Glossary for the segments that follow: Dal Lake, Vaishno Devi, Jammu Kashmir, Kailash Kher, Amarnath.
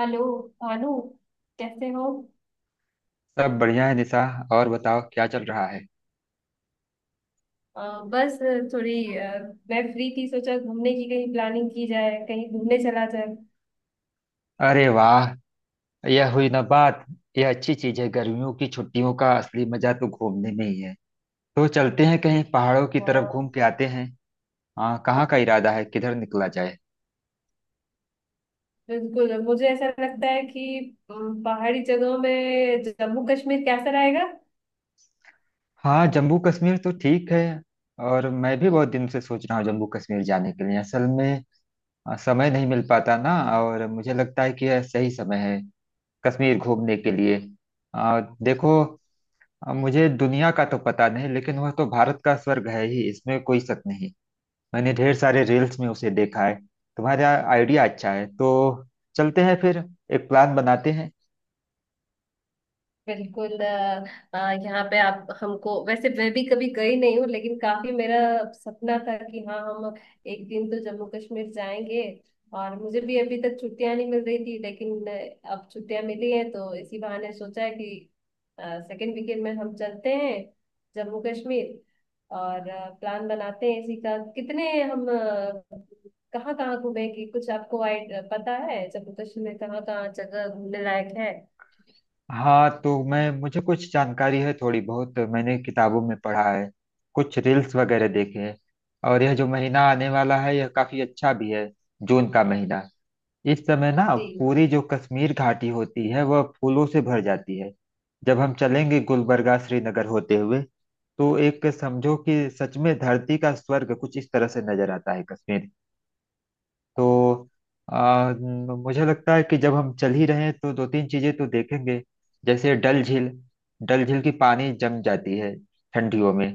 Hello Bhanu. कैसे हो। सब बढ़िया है निशा। और बताओ क्या चल रहा है? अ, बस थोड़ी मैं फ्री थी, सोचा घूमने की कहीं प्लानिंग की जाए, कहीं घूमने चला जाए। अरे वाह! यह हुई ना बात। यह अच्छी चीज है। गर्मियों की छुट्टियों का असली मजा तो घूमने में ही है। तो चलते हैं कहीं पहाड़ों की अ, तरफ, घूम के आते हैं। हाँ, कहाँ का इरादा है, किधर निकला जाए? बिल्कुल, मुझे ऐसा लगता है कि पहाड़ी जगहों में जम्मू कश्मीर कैसा रहेगा। हाँ, जम्मू कश्मीर तो ठीक है। और मैं भी बहुत दिन से सोच रहा हूँ जम्मू कश्मीर जाने के लिए। असल में समय नहीं मिल पाता ना। और मुझे लगता है कि यह सही समय है कश्मीर घूमने के लिए। देखो, अब मुझे दुनिया का तो पता नहीं, लेकिन वह तो भारत का स्वर्ग है ही, इसमें कोई शक नहीं। मैंने ढेर सारे रील्स में उसे देखा है। तुम्हारा आइडिया अच्छा है। तो चलते हैं फिर, एक प्लान बनाते हैं। बिल्कुल। अ, यहाँ पे आप हमको, वैसे मैं भी कभी गई नहीं हूँ, लेकिन काफी मेरा सपना था कि हाँ, हम एक दिन तो जम्मू कश्मीर जाएंगे। और मुझे भी अभी तक छुट्टियां नहीं मिल रही थी, लेकिन अब छुट्टियां मिली हैं तो इसी बहाने सोचा है कि सेकेंड वीकेंड में हम चलते हैं जम्मू कश्मीर। और प्लान बनाते हैं इसी का, कितने कहाँ कहाँ घूमेंगे, कुछ आपको पता है जम्मू कश्मीर में कहाँ कहाँ जगह घूमने लायक है। हाँ तो मैं मुझे कुछ जानकारी है, थोड़ी बहुत मैंने किताबों में पढ़ा है, कुछ रील्स वगैरह देखे हैं। और यह जो महीना आने वाला है यह काफी अच्छा भी है, जून का महीना। इस समय ना जी। पूरी जो कश्मीर घाटी होती है वह फूलों से भर जाती है। जब हम चलेंगे गुलबर्गा, श्रीनगर होते हुए, तो एक समझो कि सच में धरती का स्वर्ग कुछ इस तरह से नजर आता है कश्मीर। तो आ, न- मुझे लगता है कि जब हम चल ही रहे हैं तो दो तीन चीजें तो देखेंगे। जैसे डल झील। डल झील की पानी जम जाती है ठंडियों में।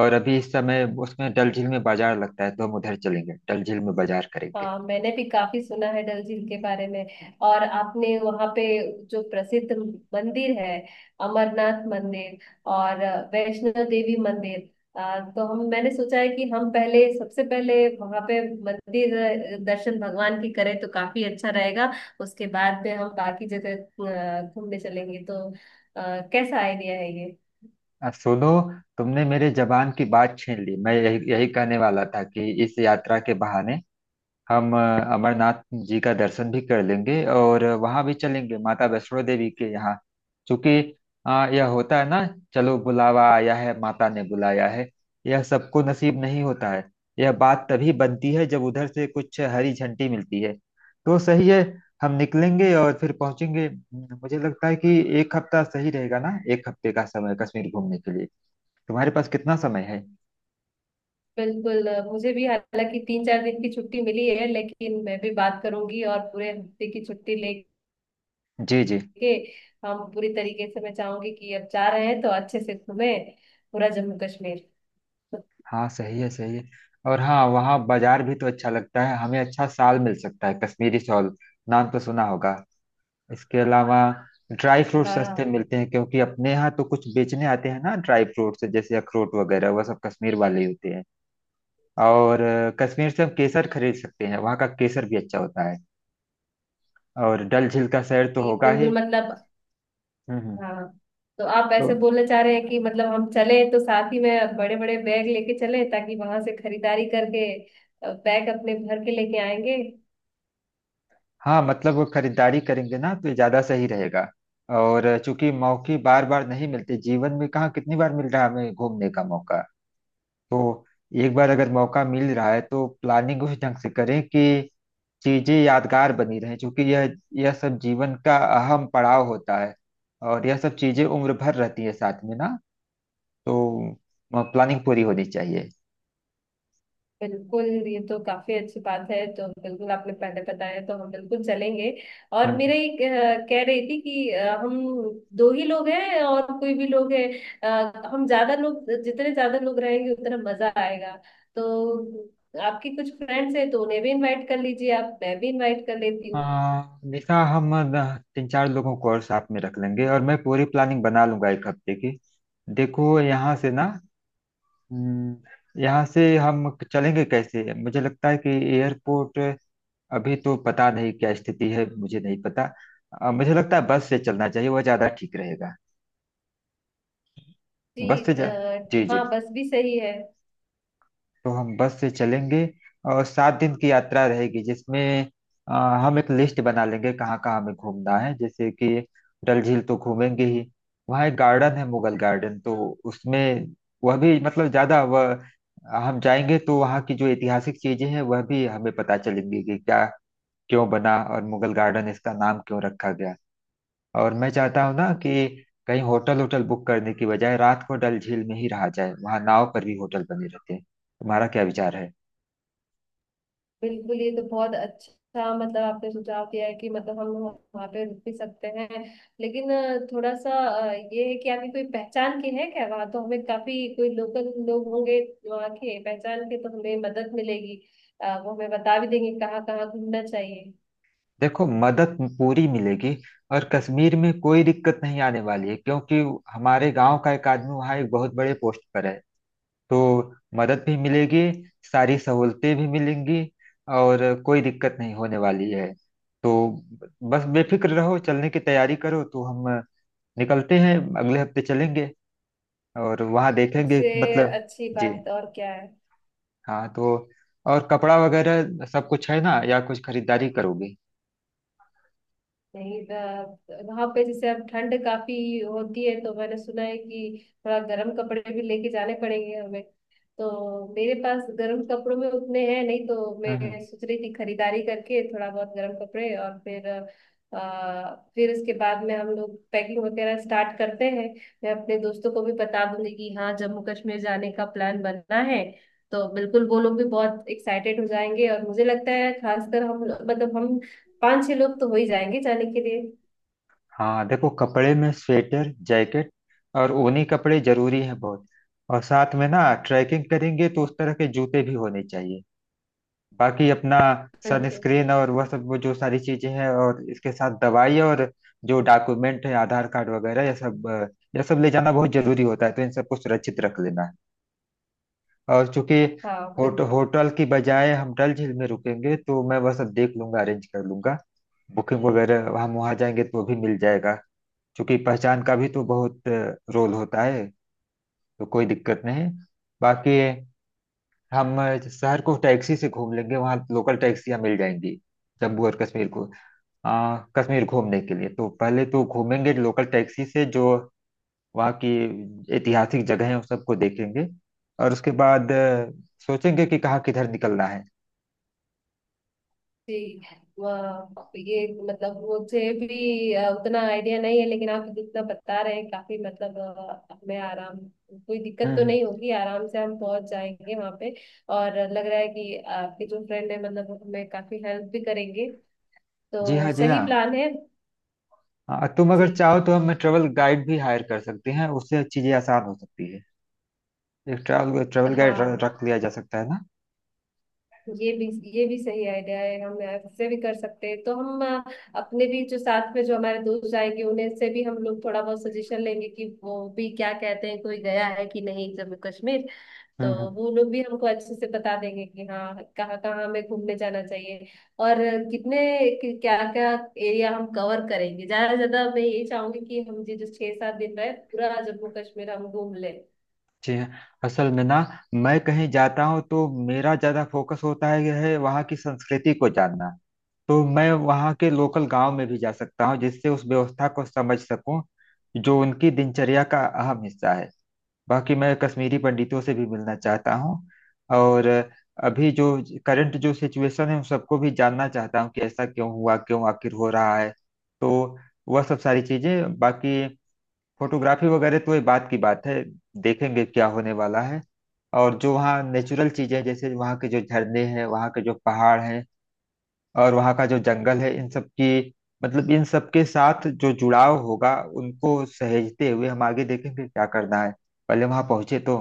और अभी इस समय उसमें डल झील में बाजार लगता है, तो हम उधर चलेंगे, डल झील में बाजार करेंगे। हाँ, मैंने भी काफी सुना है डल झील के बारे में। और आपने वहाँ पे जो प्रसिद्ध मंदिर है, अमरनाथ मंदिर और वैष्णो देवी मंदिर, तो हम मैंने सोचा है कि हम पहले, सबसे पहले वहाँ पे मंदिर दर्शन भगवान की करें तो काफी अच्छा रहेगा। उसके बाद में हम बाकी जगह घूमने चलेंगे तो कैसा आइडिया है ये। अब सुनो, तुमने मेरे जबान की बात छीन ली। मैं यही यही कहने वाला था कि इस यात्रा के बहाने हम अमरनाथ जी का दर्शन भी कर लेंगे और वहां भी चलेंगे माता वैष्णो देवी के यहाँ। क्योंकि यह होता है ना, चलो बुलावा आया है, माता ने बुलाया है। यह सबको नसीब नहीं होता है। यह बात तभी बनती है जब उधर से कुछ हरी झंडी मिलती है। तो सही है, हम निकलेंगे और फिर पहुंचेंगे। मुझे लगता है कि एक हफ्ता सही रहेगा ना, एक हफ्ते का समय कश्मीर घूमने के लिए। तुम्हारे पास कितना समय है? बिल्कुल। मुझे भी हालांकि तीन चार दिन की छुट्टी मिली है, लेकिन मैं भी बात करूंगी और पूरे हफ्ते की छुट्टी ले जी जी। के हम पूरी तरीके से, मैं चाहूंगी कि अब जा रहे हैं तो अच्छे से घूमे पूरा जम्मू कश्मीर। हाँ सही है, सही है। और हाँ, वहाँ बाजार भी तो अच्छा लगता है, हमें अच्छा साल मिल सकता है, कश्मीरी शॉल, नाम तो सुना होगा। इसके अलावा ड्राई फ्रूट सस्ते हाँ। मिलते हैं, क्योंकि अपने यहाँ तो कुछ बेचने आते हैं ना ड्राई फ्रूट्स जैसे अखरोट वगैरह, वह सब कश्मीर वाले ही होते हैं। और कश्मीर से हम केसर खरीद सकते हैं, वहाँ का केसर भी अच्छा होता है। और डल झील का सैर तो ये होगा ही। बिल्कुल, मतलब हम्म, हाँ, तो आप तो ऐसे बोलना चाह रहे हैं कि मतलब हम चले तो साथ ही में बड़े बड़े बैग लेके चले ताकि वहां से खरीदारी करके बैग अपने भर के लेके आएंगे। हाँ, मतलब वो खरीदारी करेंगे ना तो ये ज्यादा सही रहेगा। और चूंकि मौके बार बार नहीं मिलते जीवन में, कहाँ कितनी बार मिल रहा है हमें घूमने का मौका। तो एक बार अगर मौका मिल रहा है तो प्लानिंग उस ढंग से करें कि चीजें यादगार बनी रहें, क्योंकि यह सब जीवन का अहम पड़ाव होता है। और यह सब चीजें उम्र भर रहती है साथ में ना। तो प्लानिंग पूरी होनी चाहिए। बिल्कुल, ये तो काफी अच्छी बात है, तो बिल्कुल, आपने पहले बताया तो हम बिल्कुल चलेंगे। और हम्म, मेरा एक कह रही थी कि हम दो ही लोग हैं और कोई भी लोग है, हम ज्यादा लोग, जितने ज्यादा लोग रहेंगे उतना मजा आएगा। तो आपकी कुछ फ्रेंड्स हैं तो उन्हें भी इनवाइट कर लीजिए, आप, मैं भी इनवाइट कर लेती हूँ। हाँ निशा, हम तीन चार लोगों को और साथ में रख लेंगे, और मैं पूरी प्लानिंग बना लूंगा एक हफ्ते की। देखो, यहाँ से ना हम्म, यहाँ से हम चलेंगे कैसे? मुझे लगता है कि एयरपोर्ट, अभी तो पता नहीं क्या स्थिति है, मुझे नहीं पता। मुझे लगता है बस से चलना चाहिए, वह ज्यादा ठीक रहेगा। जी बस से अ, जा जी जी। हाँ, बस भी सही है। तो हम बस से चलेंगे। और 7 दिन की यात्रा रहेगी जिसमें अ, हम एक लिस्ट बना लेंगे कहाँ कहाँ हमें घूमना है। जैसे कि डल झील तो घूमेंगे ही। वहाँ एक गार्डन है, मुगल गार्डन। तो उसमें वह भी, मतलब ज्यादा वह, हम जाएंगे तो वहाँ की जो ऐतिहासिक चीजें हैं वह भी हमें पता चलेंगी कि क्या, क्यों बना और मुगल गार्डन इसका नाम क्यों रखा गया। और मैं चाहता हूँ ना कि कहीं होटल होटल बुक करने की बजाय रात को डल झील में ही रहा जाए। वहाँ नाव पर भी होटल बने रहते हैं, तुम्हारा क्या विचार है? बिल्कुल, ये तो बहुत अच्छा, मतलब आपने सुझाव दिया है कि मतलब हम वहाँ पे रुक भी सकते हैं, लेकिन थोड़ा सा ये है कि आपकी कोई पहचान की है क्या वहाँ, तो हमें काफी, कोई लोकल लोग होंगे वहाँ के, पहचान के तो हमें मदद मिलेगी। वो हमें बता भी देंगे कहाँ कहाँ घूमना चाहिए। देखो, मदद पूरी मिलेगी। और कश्मीर में कोई दिक्कत नहीं आने वाली है, क्योंकि हमारे गांव का एक आदमी वहाँ एक बहुत बड़े पोस्ट पर है। तो मदद भी मिलेगी, सारी सहूलतें भी मिलेंगी, और कोई दिक्कत नहीं होने वाली है। तो बस बेफिक्र रहो, चलने की तैयारी करो। तो हम निकलते हैं, अगले हफ्ते चलेंगे। और वहाँ देखेंगे, इससे मतलब अच्छी जी बात और क्या है। हाँ। तो और कपड़ा वगैरह सब कुछ है ना या कुछ खरीदारी करोगे? नहीं, वहां पे जैसे अब ठंड काफी होती है, तो मैंने सुना है कि थोड़ा गर्म कपड़े भी लेके जाने पड़ेंगे हमें। तो मेरे पास गर्म कपड़ों में उतने हैं नहीं, तो हम्म, मैं सोच रही थी खरीदारी करके थोड़ा बहुत गर्म कपड़े, और फिर फिर उसके बाद में हम लोग पैकिंग वगैरह स्टार्ट करते हैं। मैं अपने दोस्तों को भी बता दूंगी कि हाँ, जम्मू कश्मीर जाने का प्लान बनना है, तो बिल्कुल वो लोग भी बहुत एक्साइटेड हो जाएंगे। और मुझे लगता है खासकर हम, मतलब हम पांच छह लोग तो हो ही जाएंगे जाने के लिए। हाँ देखो, कपड़े में स्वेटर, जैकेट और ऊनी कपड़े जरूरी हैं बहुत। और साथ में ना ट्रैकिंग करेंगे तो उस तरह के जूते भी होने चाहिए। बाकी अपना बिल्कुल। सनस्क्रीन और वह सब, वो जो सारी चीजें हैं, और इसके साथ दवाई और जो डॉक्यूमेंट है, आधार कार्ड वगैरह, यह सब यह सब ले जाना बहुत जरूरी होता है, तो इन सबको सुरक्षित रख लेना है। और चूंकि हाँ बिल्कुल। होटल की बजाय हम डल झील में रुकेंगे, तो मैं वह सब देख लूंगा, अरेंज कर लूंगा। बुकिंग वगैरह हम वहाँ जाएंगे तो वो भी मिल जाएगा। चूंकि पहचान का भी तो बहुत रोल होता है, तो कोई दिक्कत नहीं। बाकी हम शहर को टैक्सी से घूम लेंगे, वहाँ लोकल टैक्सियाँ मिल जाएंगी। जम्मू और कश्मीर को अ, कश्मीर घूमने के लिए तो पहले तो घूमेंगे लोकल टैक्सी से, जो वहाँ की ऐतिहासिक जगह है उन सबको देखेंगे। और उसके बाद सोचेंगे कि कहाँ किधर निकलना है। ठीक है, वाह, ये मतलब मुझे भी उतना आइडिया नहीं है, लेकिन आप जितना बता रहे हैं काफी, मतलब हमें आराम, कोई दिक्कत हम्म, तो नहीं होगी, आराम से हम पहुंच जाएंगे वहां पे। और लग रहा है कि आपके जो फ्रेंड है मतलब वो हमें काफी हेल्प भी करेंगे, जी तो हाँ, जी सही हाँ। प्लान है। तुम अगर जी। चाहो तो हम ट्रेवल गाइड भी हायर कर सकते हैं, उससे चीजें आसान हो सकती है। एक ट्रैवल ट्रैवल गाइड हाँ, रख लिया जा सकता है ना। ये भी, ये भी सही आइडिया है, हम ऐसे भी कर सकते हैं, तो हम अपने भी जो साथ में जो हमारे दोस्त आएंगे उन्हें से भी हम लोग थोड़ा बहुत सजेशन लेंगे कि वो भी क्या कहते हैं, कोई गया है कि नहीं जम्मू कश्मीर, हम्म, तो वो लोग भी हमको अच्छे से बता देंगे कि हाँ, कहाँ कहाँ हमें घूमने जाना चाहिए। और कितने, क्या क्या एरिया हम कवर करेंगे, ज्यादा से ज्यादा मैं ये चाहूंगी कि हम ये जो छह सात दिन रहे, पूरा जम्मू कश्मीर हम घूम ले। जी हाँ। असल में ना, मैं कहीं जाता हूँ तो मेरा ज्यादा फोकस होता है यह है, वहाँ की संस्कृति को जानना। तो मैं वहाँ के लोकल गांव में भी जा सकता हूँ जिससे उस व्यवस्था को समझ सकूँ जो उनकी दिनचर्या का अहम हिस्सा है। बाकी मैं कश्मीरी पंडितों से भी मिलना चाहता हूँ। और अभी जो करंट जो सिचुएशन है उन सबको भी जानना चाहता हूँ कि ऐसा क्यों हुआ, क्यों आखिर हो रहा है। तो वह सब सारी चीजें। बाकी फोटोग्राफी वगैरह तो ये बात की बात है, देखेंगे क्या होने वाला है। और जो वहाँ नेचुरल चीजें जैसे वहाँ के जो झरने हैं, वहाँ के जो पहाड़ हैं, और वहाँ का जो जंगल है, इन सब की, मतलब इन सब के साथ जो जुड़ाव होगा, उनको सहेजते हुए हम आगे देखेंगे क्या करना है। पहले वहाँ पहुंचे तो।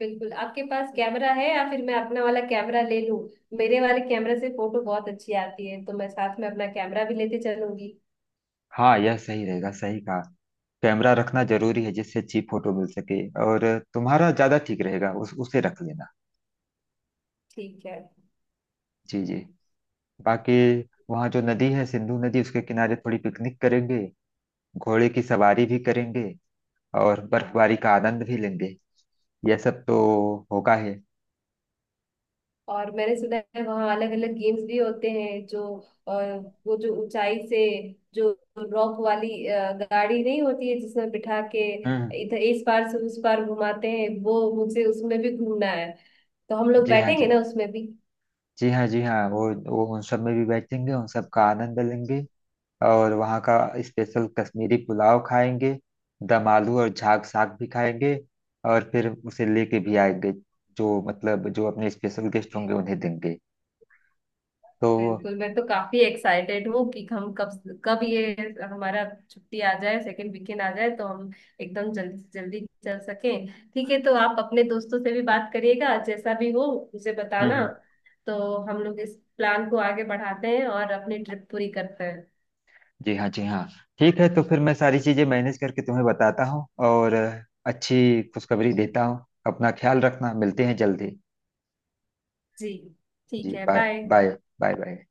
बिल्कुल, आपके पास कैमरा है या फिर मैं अपना वाला कैमरा ले लूं। मेरे वाले कैमरे से फोटो बहुत अच्छी आती है, तो मैं साथ में अपना कैमरा भी लेते चलूंगी। हाँ, यह सही रहेगा, सही कहा। कैमरा रखना जरूरी है जिससे अच्छी फोटो मिल सके। और तुम्हारा ज्यादा ठीक रहेगा, उस उसे रख लेना। ठीक है। जी जी। बाकी वहाँ जो नदी है, सिंधु नदी, उसके किनारे थोड़ी पिकनिक करेंगे, घोड़े की सवारी भी करेंगे, और बर्फबारी का आनंद भी लेंगे। यह सब तो होगा ही। और मैंने सुना है वहाँ अलग अलग गेम्स भी होते हैं जो अ, वो जो ऊंचाई से जो रॉक वाली गाड़ी नहीं होती है जिसमें बिठा के हम्म। इधर, इस पार से उस पार घुमाते हैं, वो मुझे उसमें भी घूमना है। तो हम लोग जी हाँ, बैठेंगे जी। ना उसमें भी। जी हाँ, जी हाँ, वो उन सब में भी बैठेंगे, उन सब का आनंद लेंगे। और वहाँ का स्पेशल कश्मीरी पुलाव खाएंगे, दम आलू और झाग साग भी खाएंगे, और फिर उसे लेके भी आएंगे। जो मतलब जो अपने स्पेशल गेस्ट होंगे उन्हें देंगे। तो बिल्कुल, मैं तो काफी एक्साइटेड हूँ कि हम कब कब ये हमारा छुट्टी आ जाए, सेकंड वीकेंड आ जाए तो हम एकदम जल्दी से जल्दी चल सकें। ठीक है, तो आप अपने दोस्तों से भी बात करिएगा, जैसा भी हो मुझे बताना, हम्म। तो हम लोग इस प्लान को आगे बढ़ाते हैं और अपनी ट्रिप पूरी करते हैं। जी हाँ, जी हाँ। ठीक है, तो फिर मैं सारी चीज़ें मैनेज करके तुम्हें बताता हूँ, और अच्छी खुशखबरी देता हूँ। अपना ख्याल रखना, मिलते हैं जल्दी। जी ठीक जी, है, bye. Bye. Bye. Bye, bye.